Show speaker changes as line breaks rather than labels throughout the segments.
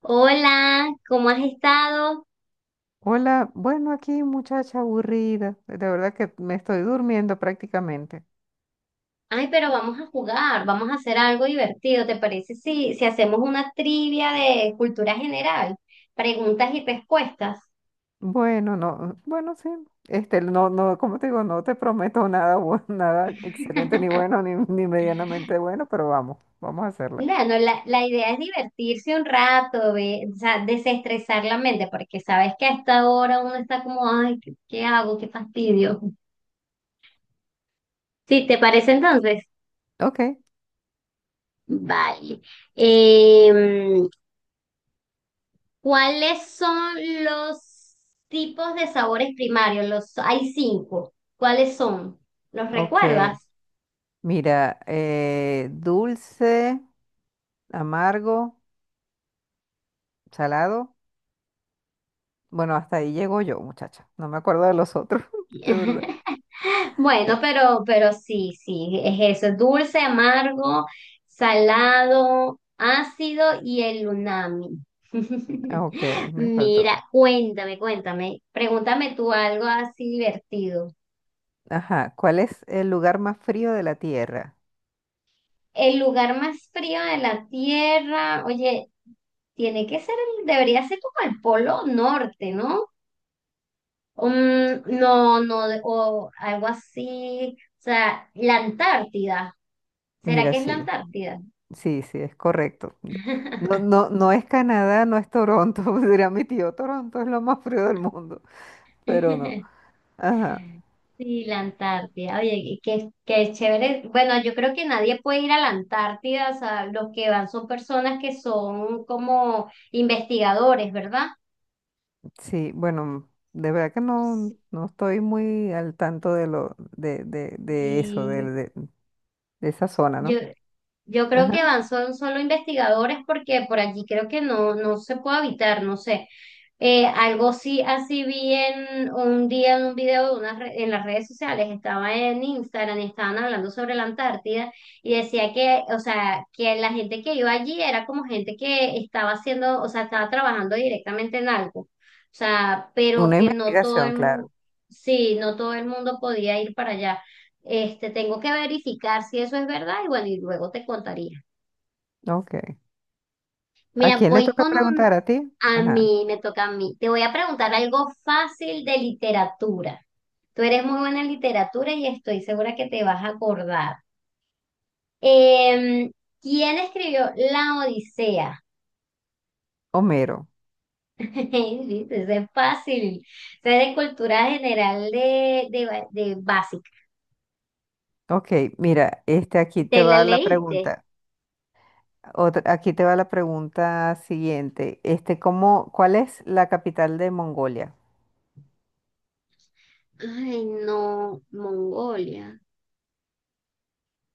Hola, ¿cómo has estado?
Hola, bueno, aquí muchacha aburrida, de verdad que me estoy durmiendo prácticamente.
Ay, pero vamos a jugar, vamos a hacer algo divertido. ¿Te parece si hacemos una trivia de cultura general? Preguntas y respuestas.
Bueno, no, bueno, sí, no, no, como te digo, no te prometo nada, nada excelente, ni bueno, ni medianamente bueno, pero vamos, vamos a hacerla.
Bueno, la idea es divertirse un rato, o sea, desestresar la mente, porque sabes que a esta hora uno está como, ay, ¿qué hago? Qué fastidio. Sí, ¿te parece entonces?
Ok,
Vale. Em, ¿cuáles son los tipos de sabores primarios? Los, hay cinco. ¿Cuáles son? ¿Los
ok,
recuerdas?
mira, dulce, amargo, salado, bueno, hasta ahí llego yo, muchacha, no me acuerdo de los otros, de verdad.
Bueno, pero sí, sí, es eso. Dulce, amargo, salado, ácido y el umami.
Ah, ok, me faltó.
Mira, cuéntame, cuéntame. Pregúntame tú algo así divertido.
Ajá, ¿cuál es el lugar más frío de la Tierra?
El lugar más frío de la Tierra, oye, tiene que ser, debería ser como el Polo Norte, ¿no? Mm, no, no, o algo así, o sea, la Antártida. ¿Será
Mira,
que es la
sí,
Antártida?
sí, sí, es correcto. No, no, no es Canadá, no es Toronto, dirá mi tío, Toronto es lo más frío del mundo, pero no. Ajá,
Sí, la Antártida. Oye, y qué chévere. Bueno, yo creo que nadie puede ir a la Antártida, o sea, los que van son personas que son como investigadores, ¿verdad?
sí, bueno, de verdad que no, no estoy muy al tanto de eso,
Sí,
de esa zona,
Yo,
¿no?
yo creo
Ajá.
que van son solo investigadores porque por allí creo que no se puede habitar, no sé. Algo sí, así vi en un día en un video de en las redes sociales, estaba en Instagram y estaban hablando sobre la Antártida y decía que, o sea, que la gente que iba allí era como gente que estaba haciendo, o sea, estaba trabajando directamente en algo, o sea, pero
Una
que no todo
investigación,
el
claro.
mundo, sí, no todo el mundo podía ir para allá. Tengo que verificar si eso es verdad y bueno, y luego te contaría.
Ok. ¿A
Mira,
quién le
voy
toca
con un.
preguntar? ¿A ti?
A
Ajá.
mí, me toca a mí. Te voy a preguntar algo fácil de literatura. Tú eres muy buena en literatura y estoy segura que te vas a acordar. Em, ¿Quién escribió La Odisea?
Homero.
Sí, eso es fácil. O sea, de cultura general de básica.
Ok, mira, este aquí
¿Te
te
la
va la
leíste?
pregunta. Aquí te va la pregunta siguiente. ¿Cómo, cuál es la capital de Mongolia?
Ay, no, Mongolia.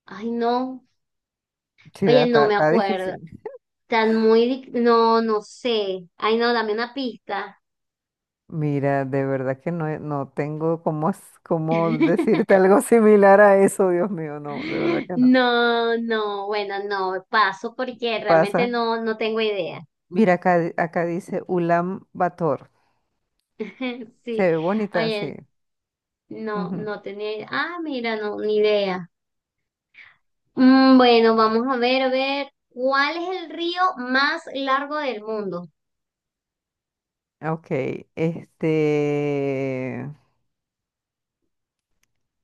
Ay, no.
Sí, ¿verdad?
Oye, no
Está,
me
está
acuerdo.
difícil.
No, no sé. Ay, no, dame una pista.
Mira, de verdad que no, no tengo cómo, cómo decirte algo similar a eso, Dios mío, no, de verdad que no.
No, no, bueno, no, paso porque realmente
Pasa.
no, no tengo idea.
Mira, acá, acá dice Ulan Bator. Se
Sí,
ve bonita,
oye,
sí.
no,
Ujú.
no tenía idea. Ah, mira, no, ni idea. Mm, bueno, vamos a ver, ¿cuál es el río más largo del mundo?
Ok, este,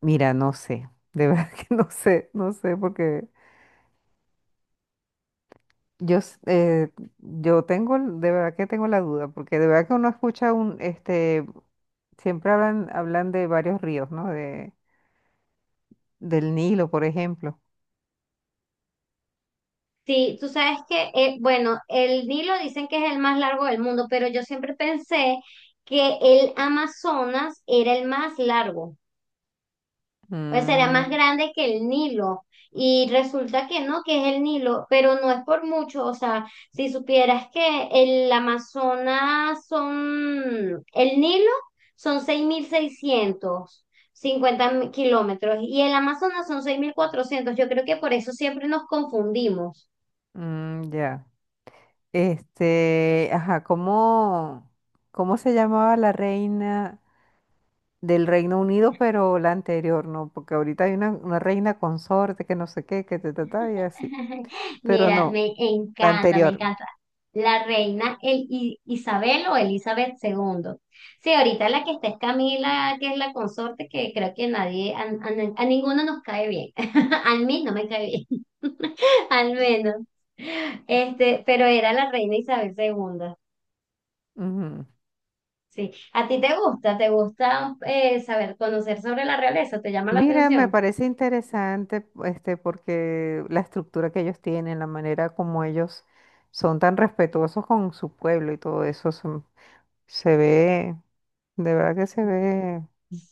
mira, no sé, de verdad que no sé, no sé, porque yo, yo tengo, de verdad que tengo la duda, porque de verdad que uno escucha un, siempre hablan de varios ríos, ¿no? De, del Nilo, por ejemplo.
Sí, tú sabes que, bueno, el Nilo dicen que es el más largo del mundo, pero yo siempre pensé que el Amazonas era el más largo, o sea, era más
Mm,
grande que el Nilo. Y resulta que no, que es el Nilo, pero no es por mucho, o sea, si supieras que el Amazonas son, el Nilo son 6650 kilómetros y el Amazonas son 6400. Yo creo que por eso siempre nos confundimos.
ya. Ajá, ¿cómo se llamaba la reina del Reino Unido, pero la anterior, ¿no? Porque ahorita hay una reina consorte que no sé qué, que te trata y así. Pero
Mira,
no,
me
la
encanta, me
anterior.
encanta. La reina Isabel o Elizabeth II. Sí, ahorita la que está es Camila, que es la consorte, que creo que nadie, a ninguno nos cae bien. A mí no me cae bien, al menos. Pero era la reina Isabel II.
Ujú.
Sí. ¿A ti te gusta? ¿Te gusta saber, conocer sobre la realeza? ¿Te llama la
Mira, me
atención?
parece interesante, porque la estructura que ellos tienen, la manera como ellos son tan respetuosos con su pueblo y todo eso, se ve, de verdad que se ve.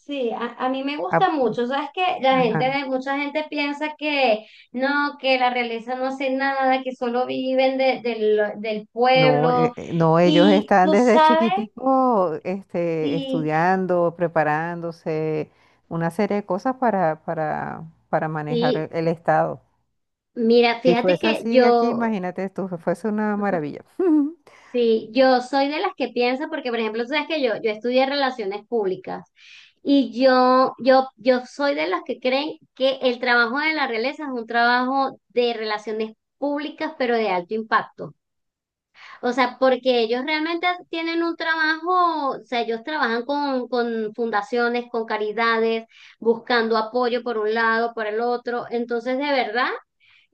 Sí, a mí me gusta
ap-
mucho. Sabes que la gente,
ajá.
mucha gente piensa que no, que la realeza no hace nada, que solo viven del
No,
pueblo.
no, ellos
Y
están
tú
desde
sabes,
chiquitico,
sí,
estudiando, preparándose, una serie de cosas para manejar el
sí.
el Estado.
Mira,
Si
fíjate
fuese
que
así aquí,
yo.
imagínate tú, fuese una maravilla.
Sí, yo soy de las que piensa, porque por ejemplo, tú sabes que yo estudié relaciones públicas y yo soy de las que creen que el trabajo de la realeza es un trabajo de relaciones públicas, pero de alto impacto. O sea, porque ellos realmente tienen un trabajo, o sea, ellos trabajan con, fundaciones, con caridades, buscando apoyo por un lado, por el otro. Entonces, de verdad.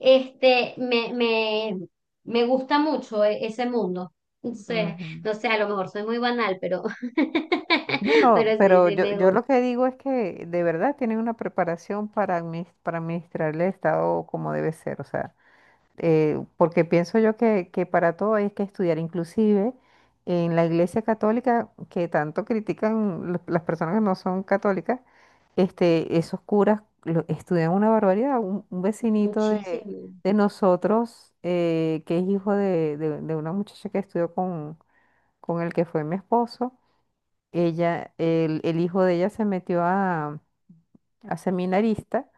Este, me, me, me gusta mucho ese mundo. Entonces
Ujú.
no sé, a lo mejor soy muy banal, pero,
No, no,
pero sí,
pero
sí
yo,
me
yo
gusta
lo que digo es que de verdad tienen una preparación para, para administrar el Estado como debe ser, o sea, porque pienso yo que para todo hay que estudiar, inclusive en la Iglesia Católica, que tanto critican las personas que no son católicas, esos curas estudian una barbaridad. Un vecinito
muchísimo.
de nosotros, que es hijo de una muchacha que estudió con el que fue mi esposo, ella, el hijo de ella se metió a seminarista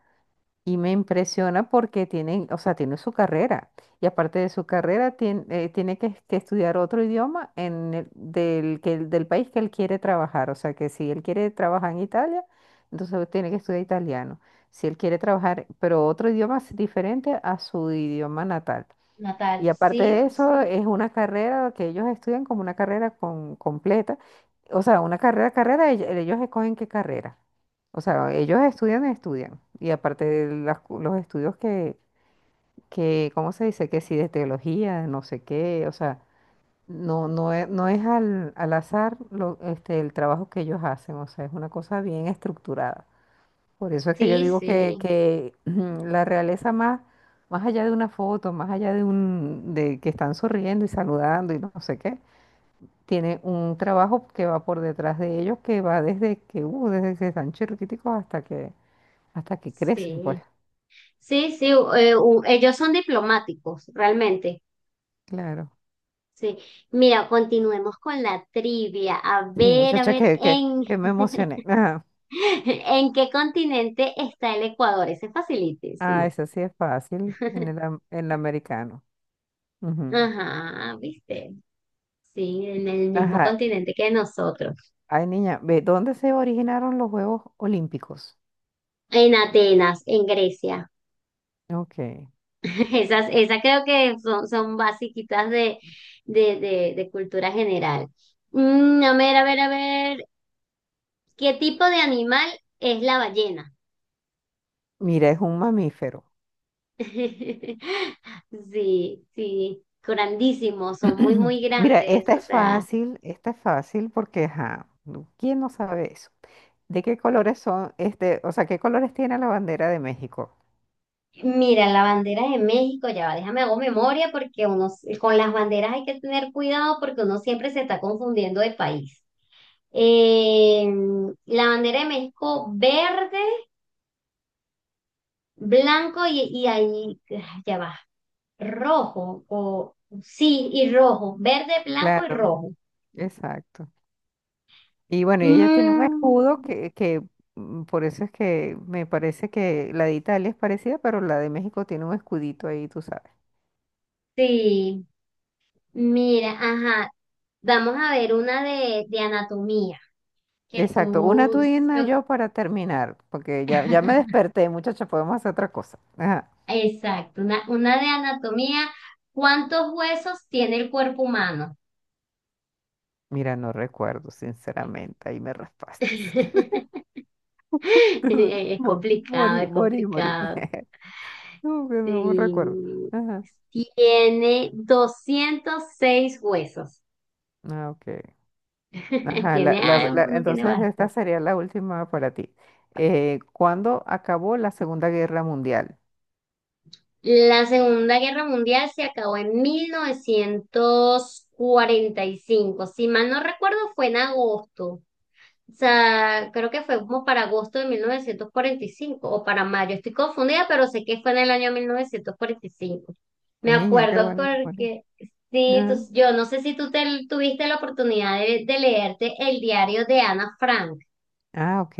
y me impresiona porque tiene, o sea, tiene su carrera y aparte de su carrera tiene, tiene que estudiar otro idioma en del, que, del país que él quiere trabajar, o sea, que si él quiere trabajar en Italia, entonces tiene que estudiar italiano. Si él quiere trabajar, pero otro idioma es diferente a su idioma natal.
Natal,
Y aparte
sí,
de eso,
sí.
es una carrera que ellos estudian como una carrera con, completa. O sea, una carrera, carrera, ellos escogen qué carrera. O sea, ellos estudian, estudian. Y aparte de los estudios ¿cómo se dice? Que si de teología, no sé qué. O sea, no, no es, no es al, al azar lo, el trabajo que ellos hacen. O sea, es una cosa bien estructurada. Por eso es que yo
Sí,
digo que,
sí,
que la realeza más, más allá de una foto, más allá de un, de que están sonriendo y saludando y no sé qué, tiene un trabajo que va por detrás de ellos, que va desde desde que están chiquiticos hasta que crecen, pues.
sí. Sí, sí, ellos son diplomáticos, realmente.
Claro.
Sí. Mira, continuemos con la trivia.
Sí,
A
muchacha,
ver,
que me emocioné. Ajá.
¿En qué continente está el Ecuador? Ese es
Ah,
facilitísima.
eso sí es fácil en el, en el americano. Ujú.
Ajá, ¿viste? Sí, en el mismo
Ajá.
continente que nosotros.
Ay, niña, ve, ¿dónde se originaron los Juegos Olímpicos?
En Atenas, en Grecia.
Ok.
Esas creo que son, basiquitas de cultura general. Mm, a ver, a ver, a ver. ¿Qué tipo de animal es la ballena?
Mira, es un mamífero.
Sí, sí. Grandísimos, son muy, muy
Mira,
grandes. O sea,
esta es fácil porque, ajá, ¿quién no sabe eso? ¿De qué colores son, o sea, qué colores tiene la bandera de México?
mira, la bandera de México, ya va, déjame hago memoria porque uno, con las banderas hay que tener cuidado porque uno siempre se está confundiendo de país. Eh, la bandera de México verde, blanco y ahí, ya va, rojo, o sí, y rojo, verde, blanco y
Claro,
rojo.
exacto. Y bueno, y ella tiene un
Mm,
escudo por eso es que me parece que la de Italia es parecida, pero la de México tiene un escudito ahí, tú sabes.
sí, mira, ajá, vamos a ver una de anatomía, que
Exacto, una
tú,
tú y una
yo-
yo para terminar, porque ya, ya me desperté, muchacha, podemos hacer otra cosa. Ajá.
exacto, una de anatomía, ¿cuántos huesos tiene el cuerpo humano?
Mira, no recuerdo, sinceramente, ahí me raspaste.
Es
Mo-
complicado,
Morí,
es
morí, morí.
complicado.
No, que no me recuerdo.
Sí.
Ajá.
Tiene 206 huesos.
Ah, ok. Ajá,
No tiene
entonces esta
bastante.
sería la última para ti. ¿Cuándo acabó la Segunda Guerra Mundial?
La Segunda Guerra Mundial se acabó en 1945. Si mal no recuerdo, fue en agosto. O sea, creo que fue como para agosto de 1945 o para mayo. Estoy confundida, pero sé que fue en el año 1945. Me
Niña, qué
acuerdo
bueno. Morí.
porque sí,
Ajá.
yo no sé si tú tuviste la oportunidad de leerte el diario de Ana Frank.
Ah, ok.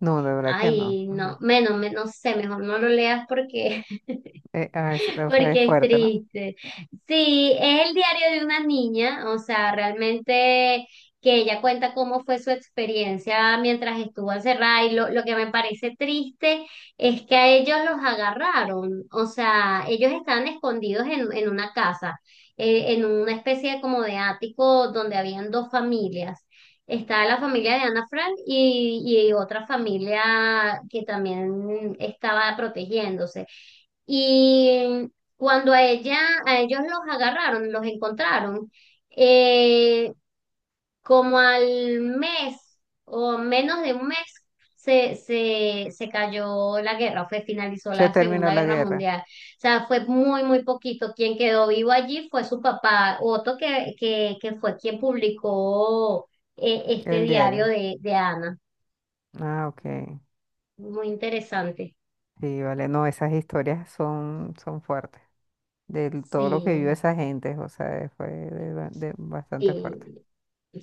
No, de verdad que no.
Ay, no,
Ajá.
menos, no sé, mejor no lo leas porque.
O sea, es
Porque es
fuerte, ¿no?
triste. Sí, es el diario de una niña, o sea, realmente que ella cuenta cómo fue su experiencia mientras estuvo encerrada y lo que me parece triste es que a ellos los agarraron, o sea, ellos estaban escondidos en una casa, en una especie de como de ático donde habían dos familias. Estaba la familia de Ana Frank y otra familia que también estaba protegiéndose. Y cuando a ellos los agarraron, los encontraron, eh, como al mes o menos de un mes se cayó la guerra, finalizó
Se
la
terminó
Segunda
la
Guerra
guerra,
Mundial. O sea, fue muy, muy poquito. Quien quedó vivo allí fue su papá, Otto, que fue quien publicó este
el
diario
diario.
de Ana.
Ah, ok.
Muy interesante.
Sí, vale. No, esas historias son, son fuertes. De todo
Sí.
lo que vivió esa gente, o sea, fue de de bastante
Y
fuerte.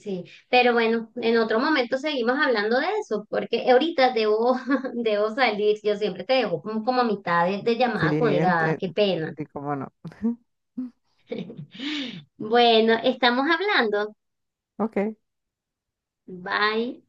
sí, pero bueno, en otro momento seguimos hablando de eso, porque ahorita debo, debo salir, yo siempre te dejo como, a mitad de
Sí,
llamada colgada, qué pena.
sí, cómo no.
Bueno, estamos hablando.
Ok.
Bye.